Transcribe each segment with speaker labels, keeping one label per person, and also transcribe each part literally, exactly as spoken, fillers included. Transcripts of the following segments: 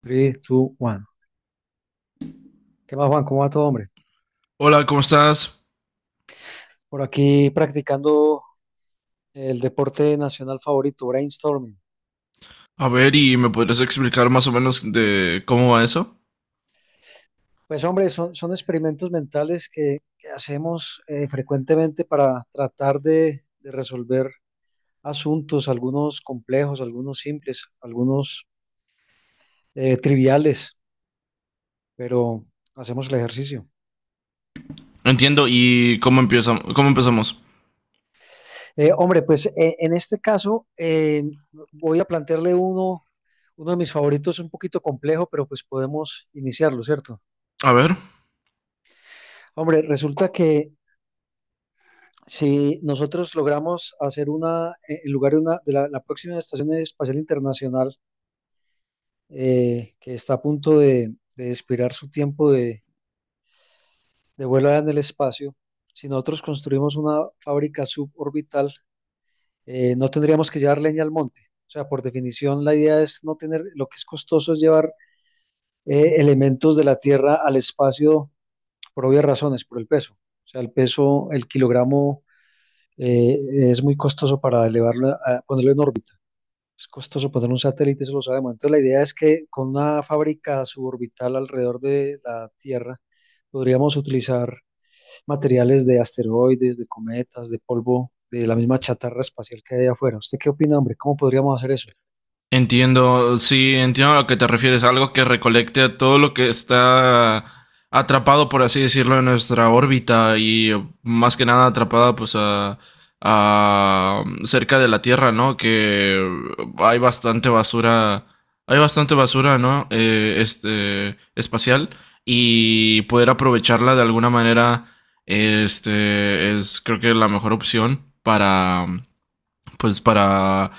Speaker 1: tres, dos, uno. ¿Qué más, Juan? ¿Cómo va todo, hombre?
Speaker 2: Hola, ¿cómo estás?
Speaker 1: Por aquí practicando el deporte nacional favorito, brainstorming.
Speaker 2: A ver, ¿y me podrías explicar más o menos de cómo va eso?
Speaker 1: Pues, hombre, son, son experimentos mentales que, que hacemos eh, frecuentemente para tratar de, de resolver asuntos, algunos complejos, algunos simples, algunos eh, triviales, pero hacemos el ejercicio.
Speaker 2: Entiendo, ¿y cómo empieza, cómo empezamos?
Speaker 1: Eh, hombre, pues eh, en este caso eh, voy a plantearle uno, uno de mis favoritos, un poquito complejo, pero pues podemos iniciarlo, ¿cierto?
Speaker 2: A ver.
Speaker 1: Hombre, resulta que si nosotros logramos hacer una, eh, en lugar de una, de la, la próxima Estación Espacial Internacional, eh, que está a punto de, de expirar su tiempo de, de vuelo allá en el espacio. Si nosotros construimos una fábrica suborbital, eh, no tendríamos que llevar leña al monte. O sea, por definición, la idea es no tener, lo que es costoso es llevar eh, elementos de la Tierra al espacio por obvias razones, por el peso. O sea, el peso, el kilogramo eh, es muy costoso para elevarlo, a- ponerlo en órbita. Es costoso poner un satélite, eso lo sabemos. Entonces, la idea es que con una fábrica suborbital alrededor de la Tierra podríamos utilizar materiales de asteroides, de cometas, de polvo, de la misma chatarra espacial que hay allá afuera. ¿Usted qué opina, hombre? ¿Cómo podríamos hacer eso?
Speaker 2: Entiendo, sí, entiendo a lo que te refieres, algo que recolecte todo lo que está atrapado, por así decirlo, en nuestra órbita y más que nada atrapada pues a, a cerca de la Tierra, ¿no? Que hay bastante basura, hay bastante basura, ¿no? Eh, este espacial y poder aprovecharla de alguna manera, este es creo que la mejor opción para pues para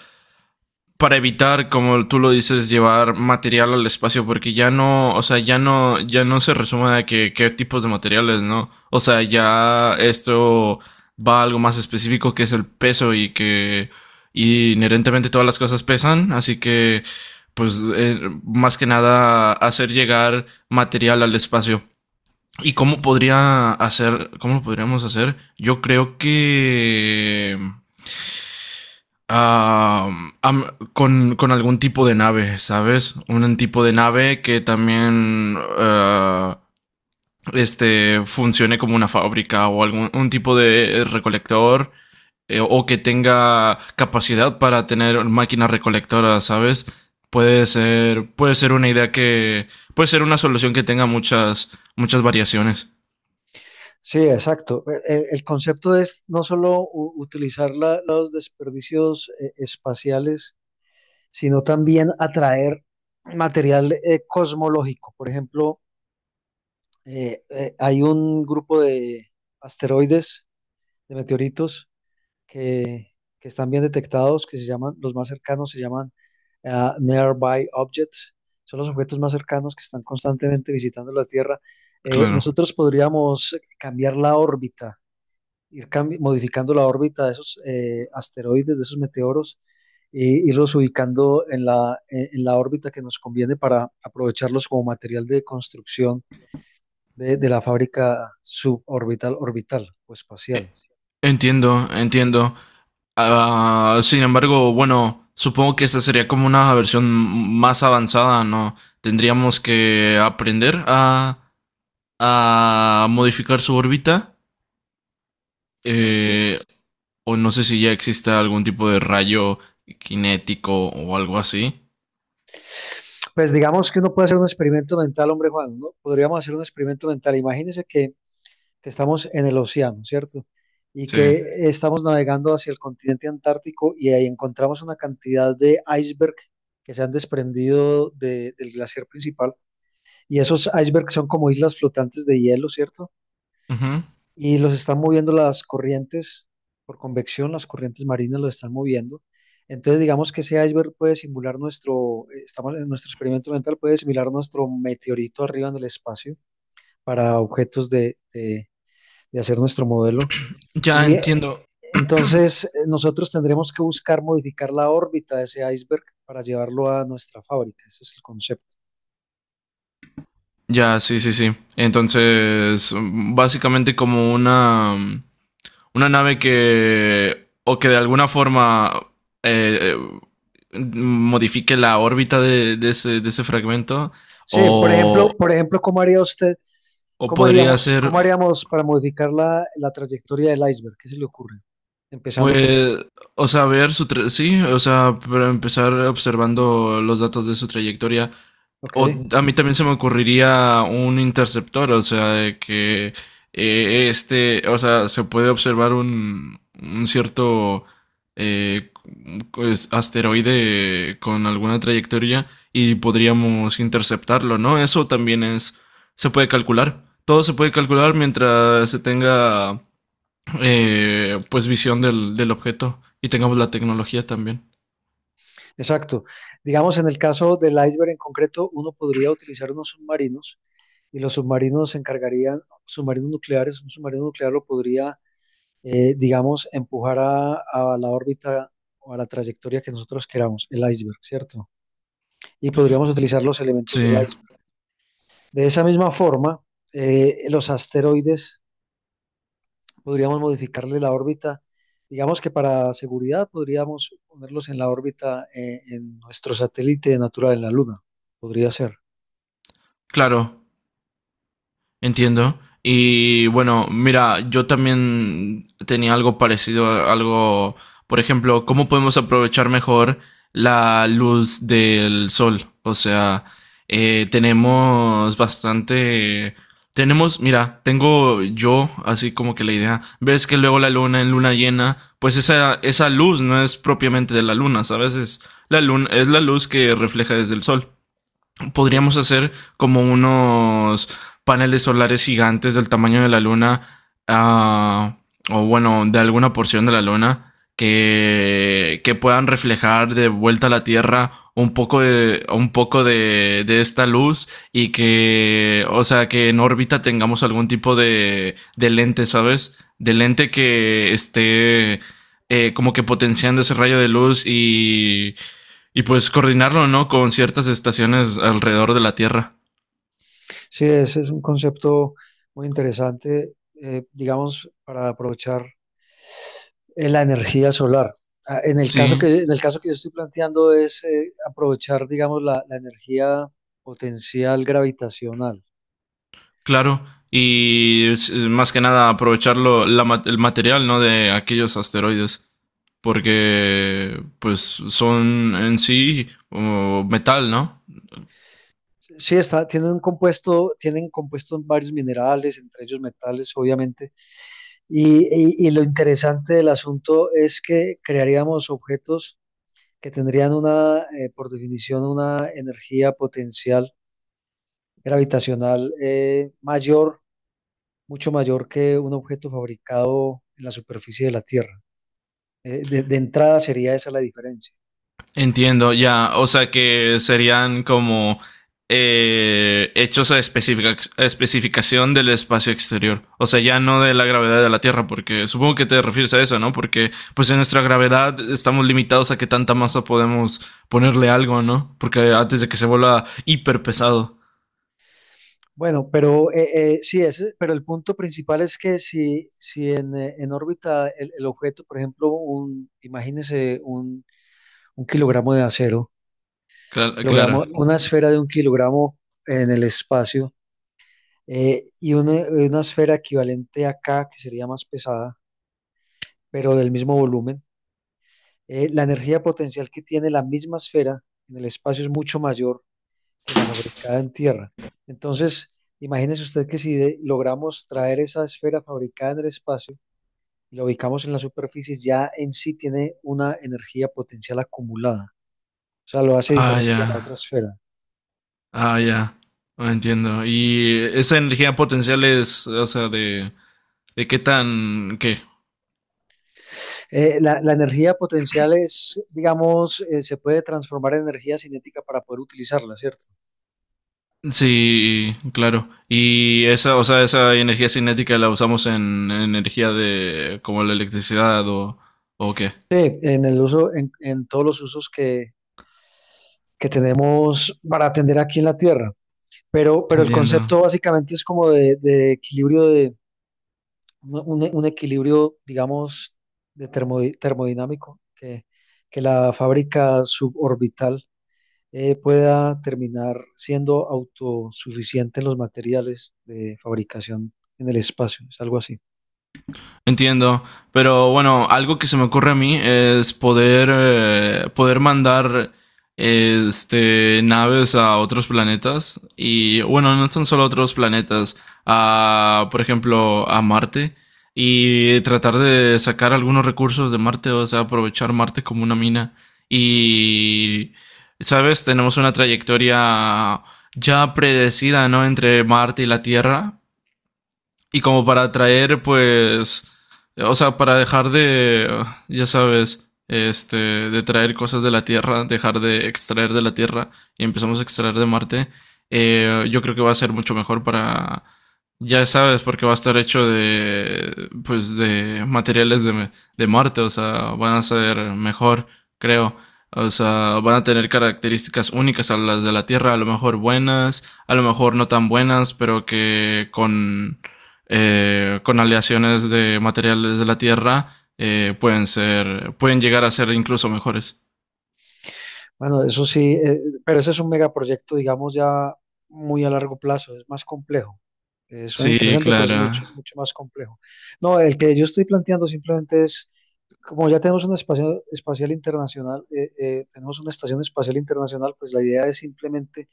Speaker 2: para evitar, como tú lo dices, llevar material al espacio, porque ya no, o sea, ya no, ya no se resume a que, qué tipos de materiales, ¿no? O sea, ya esto va a algo más específico que es el peso y que y inherentemente todas las cosas pesan, así que pues eh, más que nada hacer llegar material al espacio. ¿Y cómo podría hacer, cómo lo podríamos hacer? Yo creo que ah, am- con, con algún tipo de nave, ¿sabes? Un tipo de nave que también ah, este, funcione como una fábrica o algún un tipo de recolector eh, o que tenga capacidad para tener máquinas recolectoras, ¿sabes? Puede ser, puede ser una idea que, puede ser una solución que tenga muchas, muchas variaciones.
Speaker 1: Sí, exacto. El, el concepto es no solo u- utilizar la- los desperdicios eh, espaciales, sino también atraer material eh, cosmológico. Por ejemplo, eh, eh, hay un grupo de asteroides, de meteoritos, que, que están bien detectados, que se llaman, los más cercanos se llaman ah, Nearby Objects, son los objetos más cercanos que están constantemente visitando la Tierra. Eh,
Speaker 2: Claro.
Speaker 1: nosotros podríamos cambiar la órbita, ir cambi- modificando la órbita de esos eh, asteroides, de esos meteoros, e irlos ubicando en la, en en la órbita que nos conviene para aprovecharlos como material de construcción de, de la fábrica suborbital, orbital o
Speaker 2: E-
Speaker 1: espacial.
Speaker 2: Entiendo, entiendo. Ah, sin embargo, bueno, supongo que esta sería como una versión más avanzada, ¿no? Tendríamos que aprender a, a modificar su órbita.
Speaker 1: Sí,
Speaker 2: eh, o no sé si ya existe algún tipo de rayo cinético o algo así.
Speaker 1: pues digamos que uno puede hacer un experimento mental, hombre Juan, ¿no? Podríamos hacer un experimento mental. Imagínese que, que estamos en el océano, ¿cierto? Y
Speaker 2: Sí.
Speaker 1: que estamos navegando hacia el continente antártico y ahí encontramos una cantidad de iceberg que se han desprendido de- del glaciar principal. Y esos icebergs son como islas flotantes de hielo, ¿cierto?
Speaker 2: Ujú.
Speaker 1: Y los están moviendo las corrientes por convección, las corrientes marinas los están moviendo. Entonces, digamos que ese iceberg puede simular nuestro, eh, estamos en nuestro experimento mental, puede simular nuestro meteorito arriba en el espacio para objetos de, de- de hacer nuestro modelo.
Speaker 2: Ya
Speaker 1: Y eh,
Speaker 2: entiendo.
Speaker 1: entonces, eh, nosotros tendremos que buscar modificar la órbita de ese iceberg para llevarlo a nuestra fábrica. Ese es el concepto.
Speaker 2: Ya, sí, sí, sí. Entonces, mm, básicamente como una, mm, una nave que, o que de alguna forma, eh, eh, modifique la órbita de, de ese, de ese fragmento,
Speaker 1: Sí, por
Speaker 2: o,
Speaker 1: ejemplo, por ejemplo, ¿cómo haría usted
Speaker 2: o
Speaker 1: ¿Cómo
Speaker 2: podría
Speaker 1: haríamos,
Speaker 2: ser,
Speaker 1: cómo haríamos para modificar la, la trayectoria del iceberg? ¿Qué se le ocurre? Empezando por...
Speaker 2: pues, o sea, ver su, tra- sí, o sea, para empezar observando los datos de su trayectoria.
Speaker 1: Ok,
Speaker 2: O a mí también se me ocurriría un interceptor, o sea, de que eh, este, o sea, se puede observar un, un cierto eh, pues, asteroide con alguna trayectoria y podríamos interceptarlo, ¿no? Eso también es, se puede calcular. Todo se puede calcular mientras se tenga, eh, pues, visión del, del objeto y tengamos la tecnología también.
Speaker 1: exacto. Digamos, en el caso del iceberg en concreto, uno podría utilizar unos submarinos y los submarinos se encargarían, submarinos nucleares, un submarino nuclear lo podría, eh, digamos, empujar a, a la órbita o a la trayectoria que nosotros queramos, el iceberg, ¿cierto? Y podríamos utilizar los
Speaker 2: Sí,
Speaker 1: elementos del iceberg. De esa misma forma, eh, los asteroides podríamos modificarle la órbita. Digamos que para seguridad podríamos ponerlos en la órbita eh, en nuestro satélite natural, en la Luna. Podría ser.
Speaker 2: claro. Entiendo. Y bueno, mira, yo también tenía algo parecido, a- algo, por ejemplo, ¿cómo podemos aprovechar mejor la luz del sol? O sea, eh, tenemos bastante, tenemos, mira, tengo yo así como que la idea, ves que luego la luna en luna llena, pues esa, esa luz no es propiamente de la luna, ¿sabes? Es la luna, es la luz que refleja desde el sol.
Speaker 1: Sí,
Speaker 2: Podríamos hacer como unos paneles solares gigantes del tamaño de la luna, ah, o bueno, de alguna porción de la luna, que, que puedan reflejar de vuelta a la Tierra un poco de, un poco de, de esta luz y que, o sea, que en órbita tengamos algún tipo de, de lente, ¿sabes? De lente que esté eh, como que potenciando ese rayo de luz y, y pues coordinarlo, ¿no? Con ciertas estaciones alrededor de la Tierra.
Speaker 1: sí, ese es un concepto muy interesante, eh, digamos, para aprovechar eh, la energía solar. Ah, En el caso
Speaker 2: Sí,
Speaker 1: que, en el caso que yo estoy planteando es eh, aprovechar, digamos, la, la energía potencial gravitacional.
Speaker 2: claro. Y es- más que nada aprovecharlo, la ma- el material, ¿no? De aquellos asteroides. Porque, pues, son en sí o metal, ¿no?
Speaker 1: Sí, está, tienen un compuesto, tienen compuestos varios minerales, entre ellos metales, obviamente. Y, y- y lo interesante del asunto es que crearíamos objetos que tendrían una, eh, por definición, una energía potencial gravitacional eh, mayor, mucho mayor que un objeto fabricado en la superficie de la Tierra. Eh, de, de entrada sería esa la diferencia.
Speaker 2: Entiendo, ya. O sea que serían como eh, hechos a, especifica- especificación del espacio exterior. O sea, ya no de la gravedad de la Tierra, porque supongo que te refieres a eso, ¿no? Porque pues en nuestra gravedad estamos limitados a qué tanta masa podemos ponerle algo, ¿no? Porque antes de que se vuelva hiper pesado.
Speaker 1: Bueno, pero eh, eh, sí, ese- pero el punto principal es que si, si en, eh, en órbita el, el objeto, por ejemplo, un, imagínese un un kilogramo de acero,
Speaker 2: Cla- Claro.
Speaker 1: kilogramo, una esfera de un kilogramo en el espacio eh, y una, una esfera equivalente a K, que sería más pesada, pero del mismo volumen. Eh, la energía potencial que tiene la misma esfera en el espacio es mucho mayor que la fabricada en tierra. Entonces, imagínese usted que si de- logramos traer esa esfera fabricada en el espacio y la ubicamos en la superficie, ya en sí tiene una energía potencial acumulada. O sea, lo hace
Speaker 2: Ah, ya.
Speaker 1: diferente a la otra esfera.
Speaker 2: Ah, ya. Ah, entiendo. Y esa energía potencial es, o sea, de, de qué tan, qué,
Speaker 1: Eh, la, la energía potencial es, digamos, eh, se puede transformar en energía cinética para poder utilizarla, ¿cierto?
Speaker 2: sí, claro. Y esa, o sea, esa energía cinética la usamos en, en energía de como la electricidad o, o qué.
Speaker 1: Sí, en el uso, en, en todos los usos que, que tenemos para atender aquí en la Tierra. Pero, pero el
Speaker 2: Entiendo.
Speaker 1: concepto básicamente es como de, de equilibrio de un, un equilibrio, digamos, de termo- termodinámico que, que la fábrica suborbital eh, pueda terminar siendo autosuficiente en los materiales de fabricación en el espacio. Es algo así.
Speaker 2: Entiendo, pero bueno, algo que se me ocurre a mí es poder, eh, poder mandar este, naves a otros planetas y bueno, no son solo otros planetas, a, por ejemplo, a Marte y tratar de sacar algunos recursos de Marte, o sea, aprovechar Marte como una mina y, ¿sabes? Tenemos una trayectoria ya predecida, ¿no? Entre Marte y la Tierra y como para traer pues, o sea, para dejar de, ya sabes, este, de traer cosas de la Tierra, dejar de extraer de la Tierra y empezamos a extraer de Marte, eh, yo creo que va a ser mucho mejor para, ya sabes, porque va a estar hecho de, pues, de materiales de, de Marte, o sea, van a ser mejor, creo. O sea, van a tener características únicas a las de la Tierra, a lo mejor buenas, a lo mejor no tan buenas, pero que con eh, con aleaciones de materiales de la Tierra eh, pueden ser, pueden llegar a ser incluso mejores.
Speaker 1: Bueno, eso sí, eh, pero ese es un megaproyecto, digamos, ya muy a largo plazo, es más complejo. Eh, suena
Speaker 2: Sí,
Speaker 1: interesante, pero es
Speaker 2: claro.
Speaker 1: mucho, mucho más complejo. No, el que yo estoy planteando simplemente es, como ya tenemos una espacio- espacial internacional, eh, eh, tenemos una estación espacial internacional, pues la idea es simplemente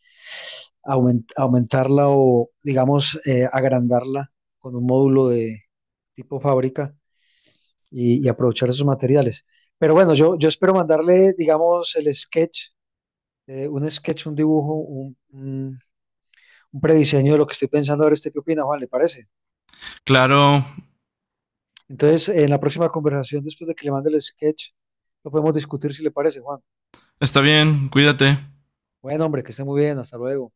Speaker 1: aument- aumentarla o, digamos, eh, agrandarla con un módulo de tipo fábrica y, y aprovechar esos materiales. Pero bueno, yo, yo espero mandarle, digamos, el sketch, eh, un sketch, un dibujo, un, un- un prediseño de lo que estoy pensando. A ver, ¿usted qué opina, Juan? ¿Le parece?
Speaker 2: Claro,
Speaker 1: Entonces, en la próxima conversación, después de que le mande el sketch, lo podemos discutir si le parece, Juan.
Speaker 2: está bien, cuídate.
Speaker 1: Bueno, hombre, que esté muy bien. Hasta luego.